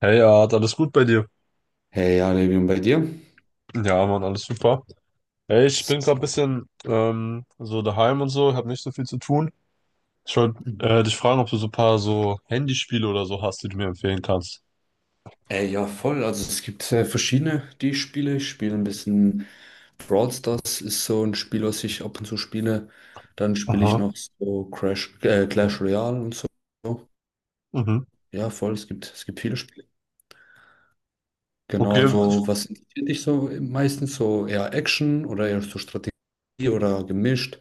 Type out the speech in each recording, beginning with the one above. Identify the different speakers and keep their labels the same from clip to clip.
Speaker 1: Hey, Art, alles gut bei dir?
Speaker 2: Hey, ja, Levi, und bei dir?
Speaker 1: Ja, Mann, alles super. Hey, ich bin gerade ein
Speaker 2: So.
Speaker 1: bisschen so daheim und so, habe nicht so viel zu tun. Ich wollte
Speaker 2: Hm.
Speaker 1: dich fragen, ob du so ein paar so Handyspiele oder so hast, die du mir empfehlen kannst.
Speaker 2: Ja, voll. Also es gibt verschiedene, die ich spiele. Ich spiele ein bisschen Brawl Stars, ist so ein Spiel, was ich ab und zu spiele. Dann spiele ich
Speaker 1: Aha.
Speaker 2: noch so Clash Royale und so.
Speaker 1: Mhm.
Speaker 2: Ja, voll. Es gibt viele Spiele. Genau,
Speaker 1: Okay.
Speaker 2: also was interessiert dich so meistens? So eher Action oder eher so Strategie oder gemischt?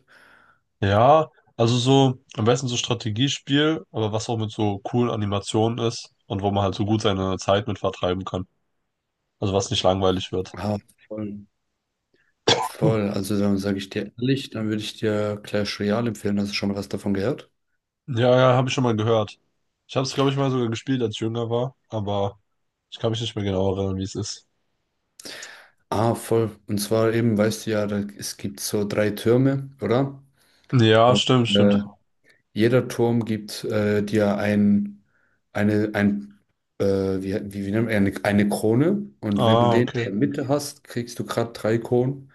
Speaker 1: Ja, also so am besten so Strategiespiel, aber was auch mit so coolen Animationen ist und wo man halt so gut seine Zeit mit vertreiben kann. Also was nicht langweilig wird.
Speaker 2: Ah, voll.
Speaker 1: Hm.
Speaker 2: Voll. Also dann sage ich dir ehrlich, dann würde ich dir Clash Royale empfehlen. Hast du schon mal was davon gehört?
Speaker 1: Ja, ja, habe ich schon mal gehört. Ich habe es, glaube ich, mal sogar gespielt, als ich jünger war, aber ich kann mich nicht mehr genau erinnern, wie es ist.
Speaker 2: Ah, voll. Und zwar eben, weißt du ja, da, es gibt so drei Türme, oder?
Speaker 1: Ja,
Speaker 2: Und
Speaker 1: stimmt,
Speaker 2: äh,
Speaker 1: stimmt.
Speaker 2: jeder Turm gibt dir eine, ein, wie nennt man, eine Krone. Und wenn du
Speaker 1: Ah,
Speaker 2: den in der
Speaker 1: okay.
Speaker 2: Mitte hast, kriegst du gerade drei Kronen.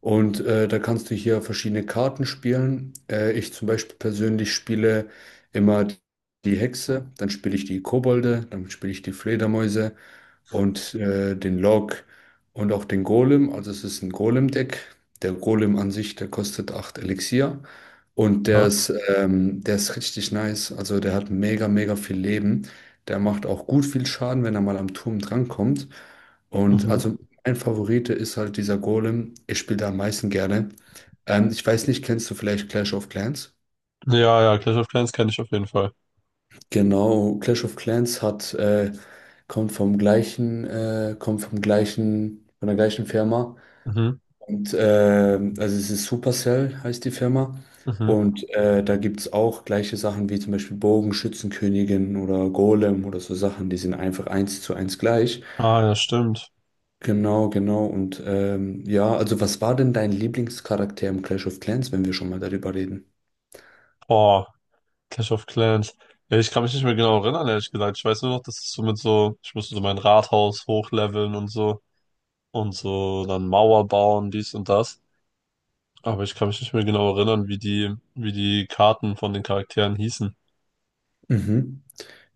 Speaker 2: Und da kannst du hier verschiedene Karten spielen. Ich zum Beispiel persönlich spiele immer die Hexe, dann spiele ich die Kobolde, dann spiele ich die Fledermäuse und den Log und auch den Golem. Also es ist ein Golem-Deck. Der Golem an sich, der kostet 8 Elixier. Und der
Speaker 1: Okay.
Speaker 2: ist, ähm, der ist richtig nice. Also der hat mega, mega viel Leben. Der macht auch gut viel Schaden, wenn er mal am Turm drankommt. Und
Speaker 1: Mhm.
Speaker 2: also mein Favorite ist halt dieser Golem. Ich spiele da am meisten gerne. Ich weiß nicht, kennst du vielleicht Clash of Clans?
Speaker 1: Ja, ja, Clash of Clans kenne ich auf jeden Fall.
Speaker 2: Genau, Clash of Clans hat, kommt vom gleichen, von der gleichen Firma.
Speaker 1: Mhm.
Speaker 2: Und also es ist Supercell, heißt die Firma.
Speaker 1: Mhm.
Speaker 2: Und da gibt es auch gleiche Sachen wie zum Beispiel Bogen, Schützenkönigin oder Golem oder so Sachen, die sind einfach eins zu eins gleich.
Speaker 1: Ah, ja, stimmt.
Speaker 2: Genau, genau. Und ja, also was war denn dein Lieblingscharakter im Clash of Clans, wenn wir schon mal darüber reden?
Speaker 1: Boah, Clash of Clans. Ja, ich kann mich nicht mehr genau erinnern, ehrlich gesagt. Ich weiß nur noch, dass es so mit so, ich musste so mein Rathaus hochleveln und so dann Mauer bauen, dies und das. Aber ich kann mich nicht mehr genau erinnern, wie die Karten von den Charakteren hießen.
Speaker 2: Mhm.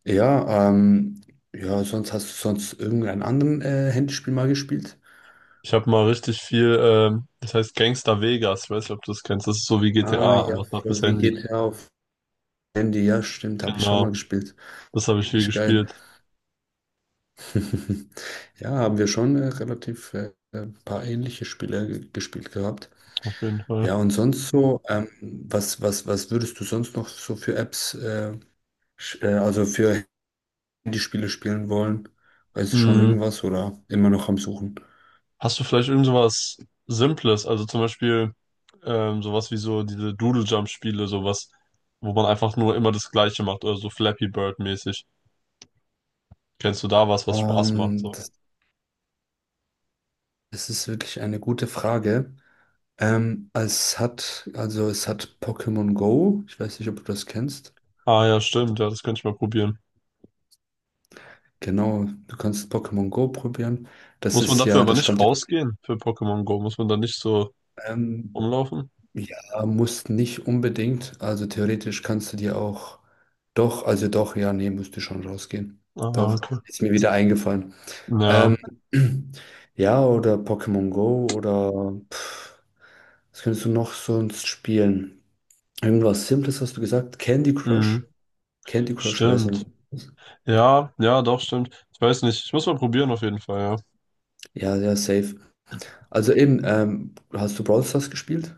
Speaker 2: Ja, ja, sonst hast du sonst irgendeinen anderen Handyspiel mal gespielt?
Speaker 1: Ich habe mal richtig viel, das heißt Gangster Vegas. Ich weiß nicht, ob du das kennst. Das ist so wie GTA.
Speaker 2: Ah,
Speaker 1: Ja,
Speaker 2: ja,
Speaker 1: aber auf das
Speaker 2: für wie
Speaker 1: Handy.
Speaker 2: GTA auf Handy, ja, stimmt, habe ich schon mal
Speaker 1: Genau.
Speaker 2: gespielt.
Speaker 1: Das habe ich viel
Speaker 2: Richtig geil.
Speaker 1: gespielt,
Speaker 2: Ja, haben wir schon relativ ein paar ähnliche Spiele gespielt gehabt.
Speaker 1: auf jeden Fall.
Speaker 2: Ja, und sonst so, was würdest du sonst noch so also für Handyspiele spielen wollen? Weißt du schon
Speaker 1: Hm.
Speaker 2: irgendwas oder immer noch am Suchen?
Speaker 1: Hast du vielleicht irgend sowas Simples, also zum Beispiel sowas wie so diese Doodle-Jump-Spiele, sowas, wo man einfach nur immer das Gleiche macht oder so Flappy Bird-mäßig. Kennst du da was, was Spaß macht?
Speaker 2: Ähm,
Speaker 1: So.
Speaker 2: das, das ist wirklich eine gute Frage. Also es hat Pokémon Go. Ich weiß nicht, ob du das kennst.
Speaker 1: Ah, ja, stimmt, ja, das könnte ich mal probieren.
Speaker 2: Genau, du kannst Pokémon Go probieren. Das
Speaker 1: Muss man
Speaker 2: ist
Speaker 1: dafür
Speaker 2: ja,
Speaker 1: aber
Speaker 2: das
Speaker 1: nicht
Speaker 2: stammt ja.
Speaker 1: rausgehen für Pokémon Go? Muss man da nicht so
Speaker 2: Ähm,
Speaker 1: rumlaufen?
Speaker 2: ja, musst nicht unbedingt. Also theoretisch kannst du dir auch. Doch, also doch, ja, nee, müsste schon rausgehen.
Speaker 1: Ah,
Speaker 2: Doch,
Speaker 1: okay.
Speaker 2: ist mir wieder eingefallen.
Speaker 1: Ja,
Speaker 2: Ähm, ja, oder Pokémon Go oder was könntest du noch sonst spielen? Irgendwas Simples hast du gesagt? Candy
Speaker 1: hm,
Speaker 2: Crush? Candy Crush wäre so ein.
Speaker 1: stimmt. Ja, ja, doch, stimmt. Ich weiß nicht, ich muss mal probieren auf jeden Fall, ja.
Speaker 2: Ja, ja, safe. Also eben, hast du Brawl Stars gespielt?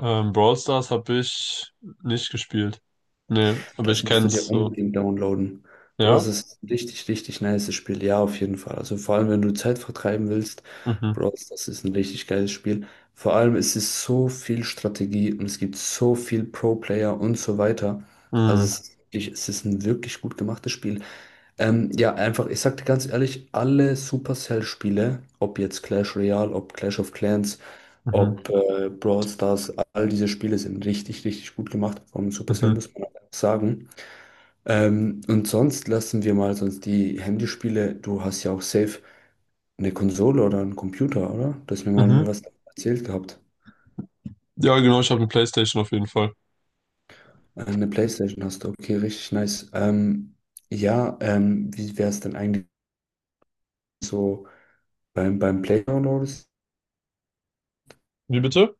Speaker 1: Brawl Stars habe ich nicht gespielt. Nee, aber
Speaker 2: Das
Speaker 1: ich
Speaker 2: musst du
Speaker 1: kenn's
Speaker 2: dir
Speaker 1: so.
Speaker 2: unbedingt downloaden. Bro,
Speaker 1: Ja?
Speaker 2: es ist ein richtig, richtig nices Spiel. Ja, auf jeden Fall. Also vor allem, wenn du Zeit vertreiben willst,
Speaker 1: Mhm.
Speaker 2: Bro, das ist ein richtig geiles Spiel. Vor allem, es ist so viel Strategie und es gibt so viel Pro-Player und so weiter. Also
Speaker 1: Mhm.
Speaker 2: es ist ein wirklich gut gemachtes Spiel. Ja, einfach, ich sag dir ganz ehrlich, alle Supercell-Spiele, ob jetzt Clash Royale, ob Clash of Clans,
Speaker 1: Mhm.
Speaker 2: ob Brawl Stars, all diese Spiele sind richtig, richtig gut gemacht von Supercell,
Speaker 1: Mhm.
Speaker 2: muss man einfach sagen. Und sonst lassen wir mal sonst die Handyspiele, du hast ja auch safe eine Konsole oder einen Computer, oder? Du hast mir mal
Speaker 1: Mhm.
Speaker 2: irgendwas erzählt gehabt.
Speaker 1: Ja, genau, ich habe eine PlayStation auf jeden Fall.
Speaker 2: Eine PlayStation hast du, okay, richtig nice. Ja, wie wäre es denn eigentlich so beim Playground-Modus?
Speaker 1: Wie bitte?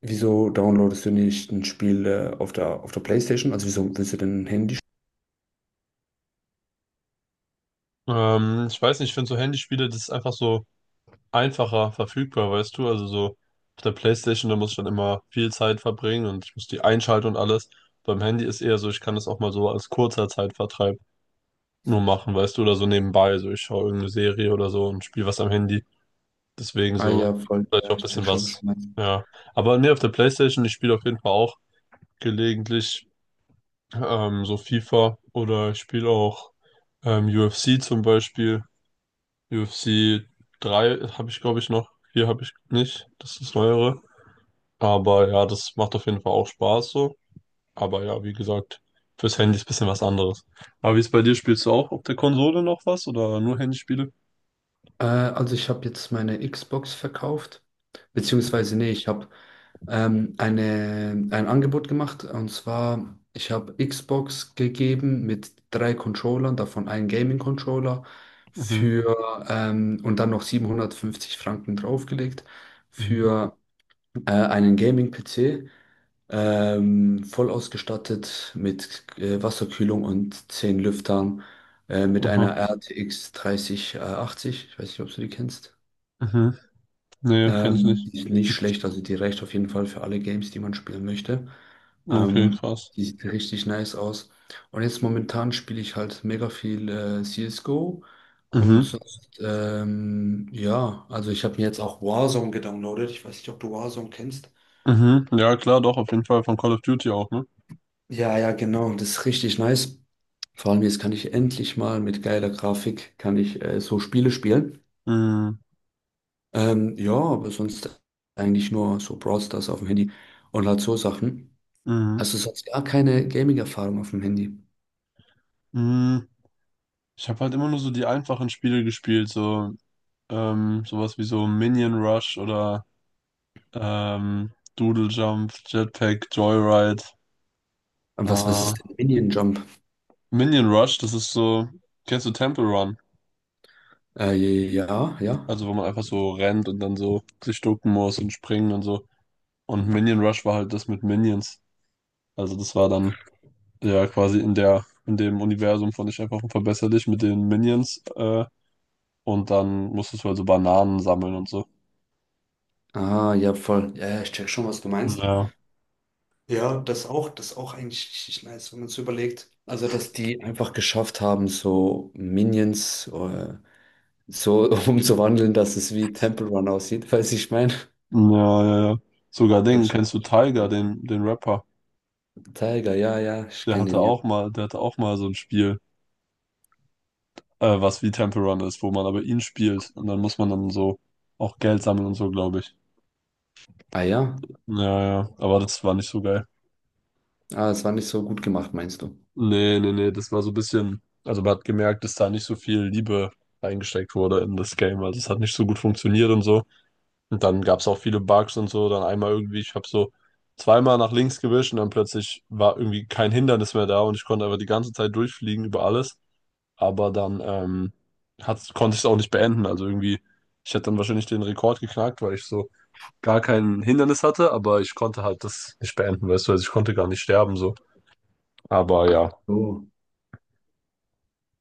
Speaker 2: Wieso downloadest du nicht ein Spiel auf der PlayStation? Also wieso willst du denn ein Handy?
Speaker 1: Ich weiß nicht, ich finde so Handyspiele, das ist einfach so einfacher verfügbar, weißt du? Also so auf der PlayStation, da muss ich dann immer viel Zeit verbringen und ich muss die einschalten und alles. Beim Handy ist eher so, ich kann das auch mal so als kurzer Zeitvertreib nur machen, weißt du, oder so nebenbei. So, ich schaue irgendeine Serie oder so und spiele was am Handy. Deswegen
Speaker 2: Ah
Speaker 1: so,
Speaker 2: ja, voll.
Speaker 1: vielleicht
Speaker 2: Ja,
Speaker 1: auch ein
Speaker 2: ich check
Speaker 1: bisschen
Speaker 2: schon, was
Speaker 1: was.
Speaker 2: du meinst.
Speaker 1: Ja. Aber nee, auf der PlayStation, ich spiele auf jeden Fall auch gelegentlich so FIFA oder ich spiele auch UFC zum Beispiel. UFC 3 habe ich, glaube ich, noch. 4 habe ich nicht. Das ist das Neuere. Aber ja, das macht auf jeden Fall auch Spaß so. Aber ja, wie gesagt, fürs Handy ist ein bisschen was anderes. Aber wie ist bei dir? Spielst du auch auf der Konsole noch was oder nur Handyspiele?
Speaker 2: Also ich habe jetzt meine Xbox verkauft. Beziehungsweise, nee, ich habe ein Angebot gemacht. Und zwar, ich habe Xbox gegeben mit drei Controllern, davon einen Gaming-Controller
Speaker 1: Mhm.
Speaker 2: für und dann noch 750 Franken draufgelegt
Speaker 1: Mhm.
Speaker 2: für einen Gaming-PC. Voll ausgestattet mit Wasserkühlung und 10 Lüftern, mit
Speaker 1: Aha.
Speaker 2: einer RTX 3080. Ich weiß nicht, ob du die kennst.
Speaker 1: Mhm. Nee, kenne ich
Speaker 2: Ähm,
Speaker 1: nicht.
Speaker 2: die ist nicht schlecht, also die reicht auf jeden Fall für alle Games, die man spielen möchte.
Speaker 1: Okay,
Speaker 2: Ähm,
Speaker 1: krass.
Speaker 2: die sieht richtig nice aus. Und jetzt momentan spiele ich halt mega viel CSGO und
Speaker 1: Mhm.
Speaker 2: sonst, ja, also ich habe mir jetzt auch Warzone gedownloadet. Ich weiß nicht, ob du Warzone kennst.
Speaker 1: Mhm. Ja, klar, doch, auf jeden Fall von Call of Duty auch, ne?
Speaker 2: Ja, ja, genau, das ist richtig nice. Vor allem jetzt kann ich endlich mal mit geiler Grafik, kann ich so Spiele spielen.
Speaker 1: Mhm.
Speaker 2: Ja, aber sonst eigentlich nur so Brawl Stars auf dem Handy und halt so Sachen.
Speaker 1: Mhm.
Speaker 2: Also sonst gar keine Gaming-Erfahrung auf dem Handy.
Speaker 1: Mhm. Ich habe halt immer nur so die einfachen Spiele gespielt, so sowas wie so Minion Rush oder ähm, Doodle Jump, Jetpack, Joyride.
Speaker 2: Und was
Speaker 1: Äh,
Speaker 2: ist denn Minion Jump?
Speaker 1: Minion Rush, das ist so, kennst du Temple Run?
Speaker 2: Äh, ja, ja.
Speaker 1: Also wo man einfach so rennt und dann so sich ducken muss und springen und so. Und Minion Rush war halt das mit Minions. Also das war dann ja, quasi in dem Universum von Ich einfach unverbesserlich dich mit den Minions, und dann musstest du also Bananen sammeln und so.
Speaker 2: Ah, ja, voll. Ja, ja, ich check schon, was du meinst.
Speaker 1: Ja.
Speaker 2: Ja, das auch eigentlich richtig nice, wenn man es überlegt. Also, dass die einfach geschafft haben, so Minions, so umzuwandeln, dass es wie Temple Run aussieht, falls ich meine.
Speaker 1: Ja, ja, ja. Sogar
Speaker 2: Das
Speaker 1: den,
Speaker 2: ist schon
Speaker 1: kennst du Tiger, den Rapper?
Speaker 2: Tiger, ja, ja, ich
Speaker 1: Der
Speaker 2: kenne
Speaker 1: hatte
Speaker 2: ihn, ja.
Speaker 1: auch mal, der hatte auch mal so ein Spiel, was wie Temple Run ist, wo man aber ihn spielt und dann muss man dann so auch Geld sammeln und so, glaube ich.
Speaker 2: Ah ja,
Speaker 1: Ja, ja, aber das war nicht so geil.
Speaker 2: es war nicht so gut gemacht, meinst du?
Speaker 1: Nee, nee, nee, das war so ein bisschen, also man hat gemerkt, dass da nicht so viel Liebe reingesteckt wurde in das Game, also es hat nicht so gut funktioniert und so. Und dann gab es auch viele Bugs und so. Dann einmal irgendwie, ich habe so zweimal nach links gewischt und dann plötzlich war irgendwie kein Hindernis mehr da und ich konnte einfach die ganze Zeit durchfliegen über alles. Aber dann hat's, konnte ich es auch nicht beenden. Also irgendwie, ich hätte dann wahrscheinlich den Rekord geknackt, weil ich so gar kein Hindernis hatte, aber ich konnte halt das nicht beenden, weißt du, also ich konnte gar nicht sterben so. Aber
Speaker 2: Ach
Speaker 1: ja.
Speaker 2: so.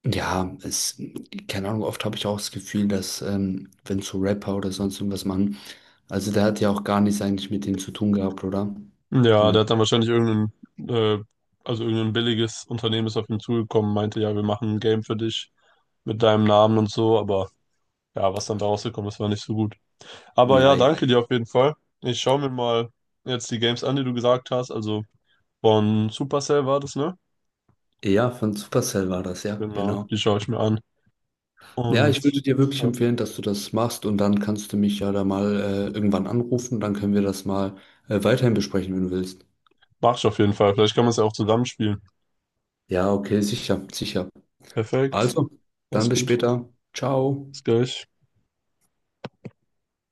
Speaker 2: Ja, keine Ahnung, oft habe ich auch das Gefühl, dass, wenn so Rapper oder sonst irgendwas machen, also der hat ja auch gar nichts eigentlich mit dem zu tun gehabt, oder?
Speaker 1: Ja,
Speaker 2: Sondern,
Speaker 1: der hat dann wahrscheinlich irgendein, äh, also irgendein billiges Unternehmen ist auf ihn zugekommen, meinte, ja, wir machen ein Game für dich mit deinem Namen und so, aber. Ja, was dann da rausgekommen ist, war nicht so gut. Aber
Speaker 2: ja,
Speaker 1: ja, danke
Speaker 2: eben.
Speaker 1: dir auf jeden Fall. Ich schaue mir mal jetzt die Games an, die du gesagt hast. Also von Supercell war das, ne?
Speaker 2: Ja, von Supercell war das, ja,
Speaker 1: Genau,
Speaker 2: genau.
Speaker 1: die schaue ich mir an.
Speaker 2: Ja,
Speaker 1: Und
Speaker 2: ich würde dir wirklich
Speaker 1: ja,
Speaker 2: empfehlen, dass du das machst und dann kannst du mich ja da mal irgendwann anrufen, dann können wir das mal weiterhin besprechen, wenn du willst.
Speaker 1: mach ich auf jeden Fall. Vielleicht kann man es ja auch zusammenspielen.
Speaker 2: Ja, okay, sicher, sicher.
Speaker 1: Perfekt.
Speaker 2: Also,
Speaker 1: Mach's
Speaker 2: dann bis
Speaker 1: gut.
Speaker 2: später. Ciao.
Speaker 1: Bis gleich.